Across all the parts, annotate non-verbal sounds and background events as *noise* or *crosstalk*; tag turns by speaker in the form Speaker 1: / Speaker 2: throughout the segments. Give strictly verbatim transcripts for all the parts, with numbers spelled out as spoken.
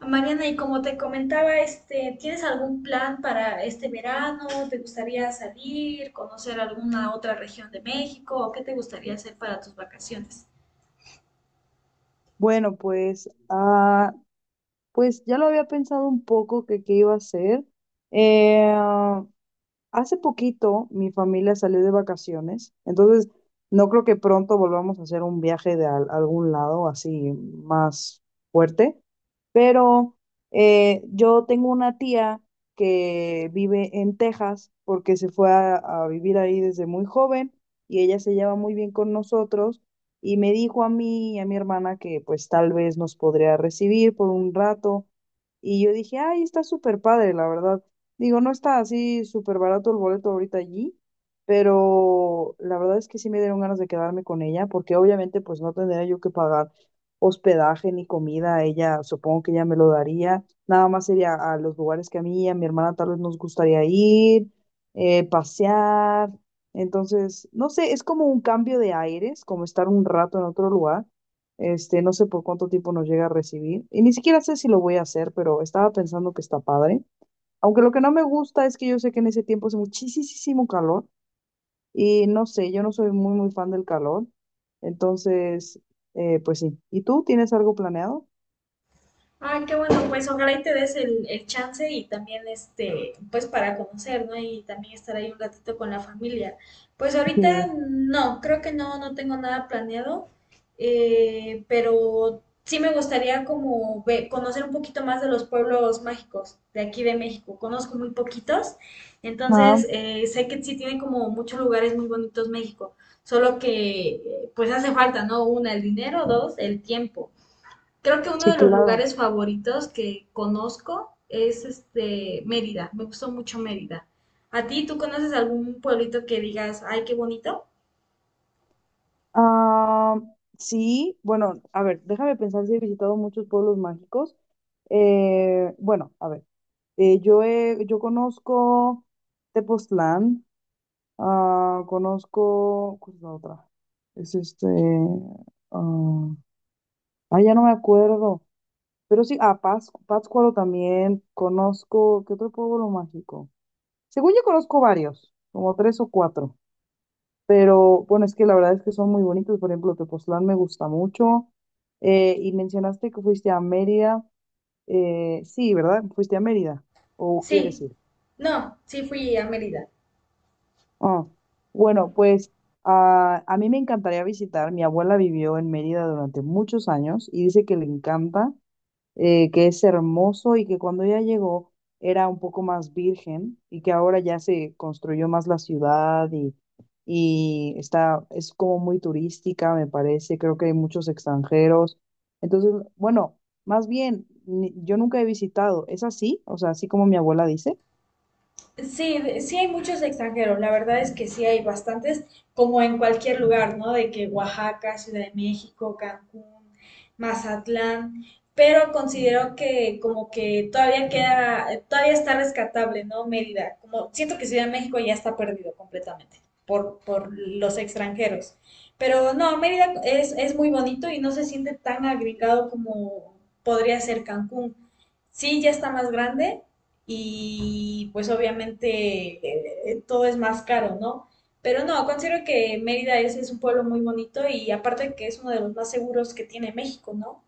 Speaker 1: Mariana, y como te comentaba, este, ¿tienes algún plan para este verano? ¿Te gustaría salir, conocer alguna otra región de México? ¿O qué te gustaría hacer para tus vacaciones?
Speaker 2: Bueno, pues, ah, pues ya lo había pensado un poco que qué iba a hacer. Eh, Hace poquito mi familia salió de vacaciones, entonces no creo que pronto volvamos a hacer un viaje de al- algún lado así más fuerte, pero eh, yo tengo una tía que vive en Texas porque se fue a, a vivir ahí desde muy joven y ella se lleva muy bien con nosotros y me dijo a mí y a mi hermana que pues tal vez nos podría recibir por un rato y yo dije, ay, está súper padre, la verdad. Digo, no está así súper barato el boleto ahorita allí, pero la verdad es que sí me dieron ganas de quedarme con ella, porque obviamente pues no tendría yo que pagar hospedaje ni comida, ella supongo que ella me lo daría, nada más sería a los lugares que a mí y a mi hermana tal vez nos gustaría ir, eh, pasear, entonces, no sé, es como un cambio de aires, como estar un rato en otro lugar, este, no sé por cuánto tiempo nos llega a recibir, y ni siquiera sé si lo voy a hacer, pero estaba pensando que está padre. Aunque lo que no me gusta es que yo sé que en ese tiempo hace muchísimo calor y no sé, yo no soy muy, muy fan del calor. Entonces, eh, pues sí. ¿Y tú tienes algo planeado?
Speaker 1: ¡Ay, qué bueno! Pues ojalá y te des el, el chance y también este, pues para conocer, ¿no? Y también estar ahí un ratito con la familia. Pues ahorita
Speaker 2: Sí.
Speaker 1: no, creo que no, no tengo nada planeado, eh, pero sí me gustaría como ve- conocer un poquito más de los pueblos mágicos de aquí de México. Conozco muy poquitos,
Speaker 2: Ah,
Speaker 1: entonces eh, sé que sí tiene como muchos lugares muy bonitos México, solo que eh, pues hace falta, ¿no? Una, el dinero; dos, el tiempo. Creo que uno
Speaker 2: sí,
Speaker 1: de los
Speaker 2: claro.
Speaker 1: lugares favoritos que conozco es este Mérida. Me gustó mucho Mérida. ¿A ti tú conoces algún pueblito que digas, ay, qué bonito?
Speaker 2: Ah, sí, bueno, a ver, déjame pensar si he visitado muchos pueblos mágicos. Eh, bueno, a ver, eh, yo, he- yo conozco Tepoztlán, ah, conozco, ¿cuál es la otra? Es este, ah, ah, ya no me acuerdo. Pero sí, a Pascu- Pátzcuaro también conozco. ¿Qué otro pueblo mágico? Según yo conozco varios, como tres o cuatro. Pero bueno, es que la verdad es que son muy bonitos. Por ejemplo, Tepoztlán me gusta mucho. Eh, y mencionaste que fuiste a Mérida. Eh, sí, ¿verdad? Fuiste a Mérida. ¿O
Speaker 1: Sí.
Speaker 2: quieres ir?
Speaker 1: No, sí fui a Mérida.
Speaker 2: Ah, bueno, pues a, a mí me encantaría visitar. Mi abuela vivió en Mérida durante muchos años y dice que le encanta eh, que es hermoso y que cuando ella llegó era un poco más virgen y que ahora ya se construyó más la ciudad y, y está, es como muy turística, me parece, creo que hay muchos extranjeros. Entonces, bueno, más bien, ni- yo nunca he visitado, ¿es así? O sea, así como mi abuela dice.
Speaker 1: Sí, de- sí hay muchos extranjeros, la verdad es que sí hay bastantes, como en cualquier lugar, ¿no? De que Oaxaca, Ciudad de México, Cancún, Mazatlán, pero considero que como que todavía queda, todavía está rescatable, ¿no? Mérida, como siento que Ciudad de México ya está perdido completamente por, por los extranjeros, pero no, Mérida es, es muy bonito y no se siente tan agregado como podría ser Cancún. Sí, ya está más grande, y pues obviamente eh, eh, todo es más caro, ¿no? Pero no, considero que Mérida es, es un pueblo muy bonito y aparte que es uno de los más seguros que tiene México, ¿no?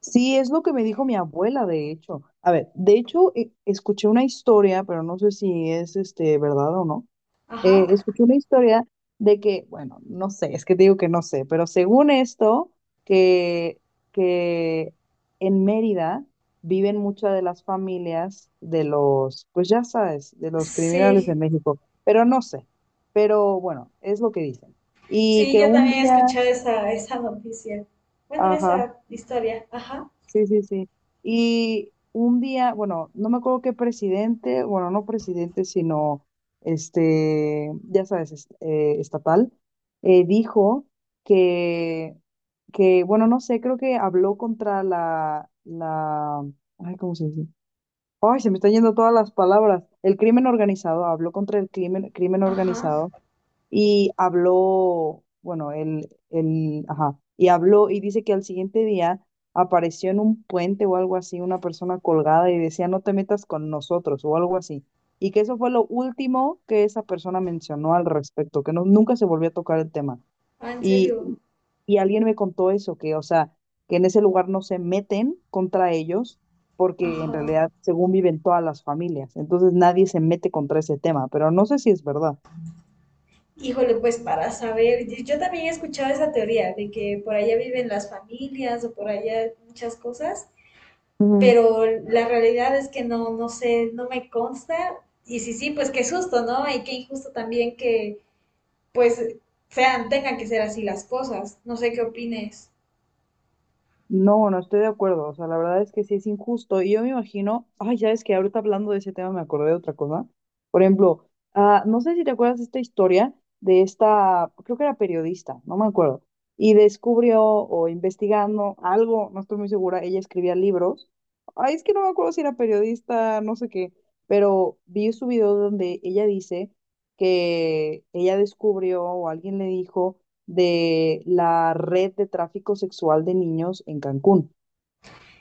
Speaker 2: Sí, es lo que me dijo mi abuela, de hecho. A ver, de hecho, e- escuché una historia, pero no sé si es este verdad o no,
Speaker 1: Ajá.
Speaker 2: eh, escuché una historia de que, bueno, no sé, es que te digo que no sé, pero según esto, que, que en Mérida viven muchas de las familias de los, pues ya sabes, de los criminales de
Speaker 1: Sí,
Speaker 2: México, pero no sé, pero bueno, es lo que dicen. Y
Speaker 1: sí,
Speaker 2: que
Speaker 1: yo
Speaker 2: un
Speaker 1: también he
Speaker 2: día,
Speaker 1: escuchado esa, esa noticia. Bueno,
Speaker 2: ajá,
Speaker 1: esa historia, ajá.
Speaker 2: sí, sí, sí. Y un día, bueno, no me acuerdo qué presidente, bueno, no presidente, sino este, ya sabes, es- eh, estatal, eh, dijo que, que, bueno, no sé, creo que habló contra la, la, ay, ¿cómo se dice? Ay, se me están yendo todas las palabras. El crimen organizado, habló contra el crimen, crimen
Speaker 1: Ajá.
Speaker 2: organizado y habló, bueno, él, él, ajá, y habló y dice que al siguiente día apareció en un puente o algo así una persona colgada y decía, no te metas con nosotros o algo así. Y que eso fue lo último que esa persona mencionó al respecto, que no, nunca se volvió a tocar el tema.
Speaker 1: Ah, ¿en
Speaker 2: Y,
Speaker 1: serio?
Speaker 2: y alguien me contó eso, que, o sea, que en ese lugar no se meten contra ellos porque en
Speaker 1: Ajá.
Speaker 2: realidad, según viven todas las familias, entonces nadie se mete contra ese tema, pero no sé si es verdad.
Speaker 1: Híjole, pues para saber, y yo también he escuchado esa teoría de que por allá viven las familias o por allá muchas cosas,
Speaker 2: Ujú.
Speaker 1: pero la realidad es que no, no sé, no me consta. Y sí, sí, pues qué susto, ¿no? Y qué injusto también que, pues, sean, tengan que ser así las cosas. No sé qué opines.
Speaker 2: No, no estoy de acuerdo. O sea, la verdad es que sí es injusto. Y yo me imagino, ay, ya es que ahorita hablando de ese tema me acordé de otra cosa. Por ejemplo, ah, no sé si te acuerdas de esta historia de esta, creo que era periodista, no me acuerdo. Y descubrió o investigando algo, no estoy muy segura, ella escribía libros. Ay, es que no me acuerdo si era periodista, no sé qué, pero vi su video donde ella dice que ella descubrió o alguien le dijo de la red de tráfico sexual de niños en Cancún.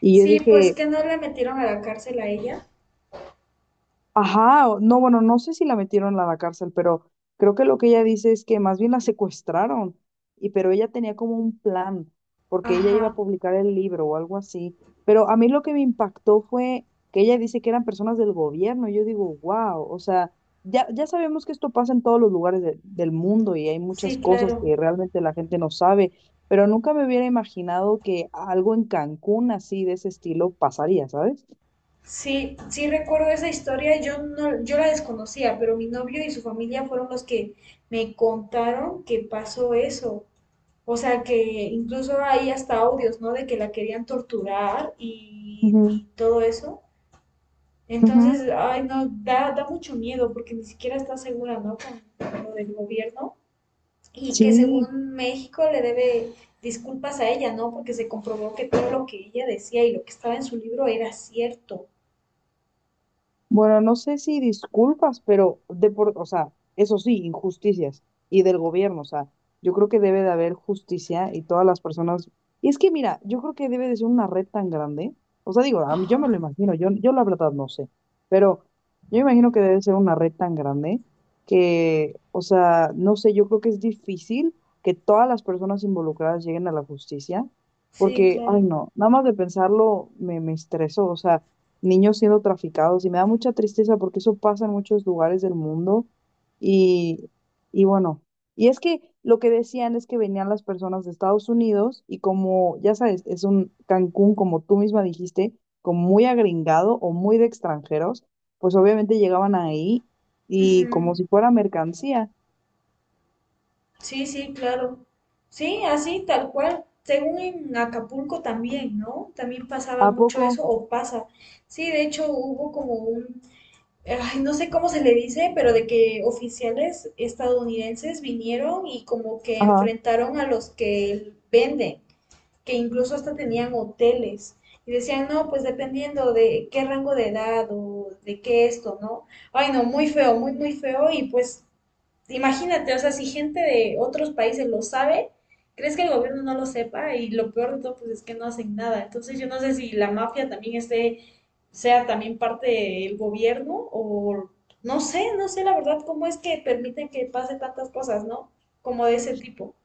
Speaker 2: Y yo
Speaker 1: Sí, pues
Speaker 2: dije,
Speaker 1: que no la metieron a la cárcel a ella.
Speaker 2: ajá, o- no, bueno, no sé si la metieron a la cárcel, pero creo que lo que ella dice es que más bien la secuestraron, y pero ella tenía como un plan, porque ella iba a
Speaker 1: Ajá,
Speaker 2: publicar el libro o algo así. Pero a mí lo que me impactó fue que ella dice que eran personas del gobierno, y yo digo, wow, o sea, ya, ya sabemos que esto pasa en todos los lugares de- del mundo y hay muchas
Speaker 1: sí,
Speaker 2: cosas
Speaker 1: claro.
Speaker 2: que realmente la gente no sabe, pero nunca me hubiera imaginado que algo en Cancún así de ese estilo pasaría, ¿sabes?
Speaker 1: Sí, sí recuerdo esa historia, yo no, yo la desconocía, pero mi novio y su familia fueron los que me contaron que pasó eso. O sea que incluso hay hasta audios, ¿no? De que la querían torturar y,
Speaker 2: Ujú,
Speaker 1: y todo eso. Entonces,
Speaker 2: ujú,
Speaker 1: ay, no, da, da mucho miedo porque ni siquiera está segura, ¿no? Con, con lo del gobierno. Y que
Speaker 2: sí.
Speaker 1: según México le debe disculpas a ella, ¿no? Porque se comprobó que todo lo que ella decía y lo que estaba en su libro era cierto.
Speaker 2: Bueno, no sé si disculpas, pero de por, o sea, eso sí, injusticias y del gobierno, o sea, yo creo que debe de haber justicia y todas las personas. Y es que mira, yo creo que debe de ser una red tan grande, o sea, digo, a mí yo me lo
Speaker 1: Ajá,
Speaker 2: imagino, yo, yo la verdad no sé, pero yo me imagino que debe ser una red tan grande que, o sea, no sé, yo creo que es difícil que todas las personas involucradas lleguen a la justicia,
Speaker 1: sí,
Speaker 2: porque, ay
Speaker 1: claro.
Speaker 2: no, nada más de pensarlo me, me estresó, o sea niños siendo traficados y me da mucha tristeza porque eso pasa en muchos lugares del mundo y, y bueno, y es que lo que decían es que venían las personas de Estados Unidos y como ya sabes, es un Cancún, como tú misma dijiste, como muy agringado o muy de extranjeros, pues obviamente llegaban ahí y
Speaker 1: Ujú.
Speaker 2: como si fuera mercancía.
Speaker 1: Sí, sí, claro. Sí, así, tal cual. Según en Acapulco también, ¿no? También pasaba
Speaker 2: ¿A
Speaker 1: mucho
Speaker 2: poco?
Speaker 1: eso, o pasa. Sí, de hecho hubo como un, ay, no sé cómo se le dice, pero de que oficiales estadounidenses vinieron y como que
Speaker 2: Ajá.
Speaker 1: enfrentaron a los que venden, que incluso hasta tenían hoteles. Y decían, no, pues dependiendo de qué rango de edad o de qué esto, ¿no? Ay, no, muy feo, muy, muy feo. Y pues, imagínate, o sea, si gente de otros países lo sabe, ¿crees que el gobierno no lo sepa? Y lo peor de todo, pues es que no hacen nada. Entonces, yo no sé si la mafia también esté, sea también parte del gobierno o no sé, no sé la verdad cómo es que permiten que pase tantas cosas, ¿no? Como de ese tipo.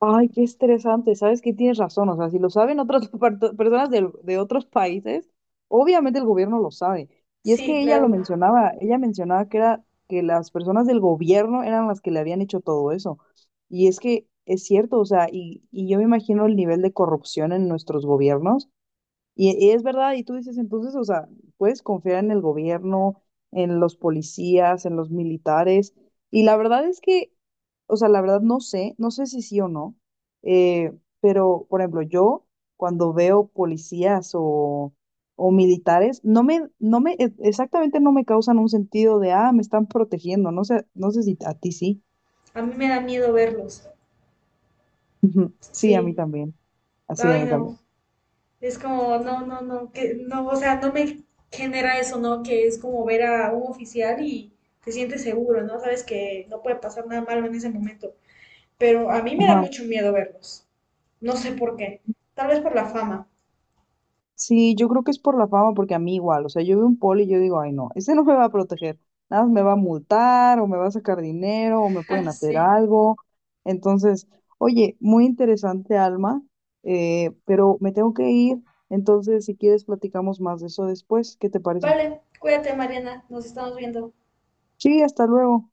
Speaker 2: Ay, qué estresante, sabes que tienes razón, o sea, si lo saben otras *laughs* parto- personas del- de otros países, obviamente el gobierno lo sabe. Y es
Speaker 1: Sí,
Speaker 2: que ella lo
Speaker 1: claro.
Speaker 2: mencionaba, ella mencionaba que era que las personas del gobierno eran las que le habían hecho todo eso. Y es que es cierto, o sea, y, y yo me imagino el nivel de corrupción en nuestros gobiernos, y, y es verdad, y tú dices entonces, o sea, puedes confiar en el gobierno, en los policías, en los militares. Y la verdad es que, o sea, la verdad no sé, no sé si sí o no, eh, pero por ejemplo, yo cuando veo policías o, o militares, no me, no me, e- exactamente no me causan un sentido de, ah, me están protegiendo, no sé, no sé si a ti sí.
Speaker 1: A mí me da miedo verlos.
Speaker 2: *laughs* Ujú. Sí, a mí
Speaker 1: Sí,
Speaker 2: también. Así, a
Speaker 1: ay
Speaker 2: mí también.
Speaker 1: no, es como, no, no, no, que no, o sea, no me genera eso, ¿no? Que es como ver a un oficial y te sientes seguro, ¿no? Sabes que no puede pasar nada malo en ese momento, pero a mí me da mucho miedo verlos, no sé por qué, tal vez por la fama.
Speaker 2: Sí, yo creo que es por la fama, porque a mí igual, o sea, yo veo un poli y yo digo, ay no, ese no me va a proteger, nada más me va a multar o me va a sacar dinero o me pueden
Speaker 1: *laughs*
Speaker 2: hacer
Speaker 1: Sí.
Speaker 2: algo. Entonces, oye, muy interesante, Alma, eh, pero me tengo que ir, entonces si quieres platicamos más de eso después, ¿qué te parece?
Speaker 1: Vale, cuídate, Mariana, nos estamos viendo.
Speaker 2: Sí, hasta luego.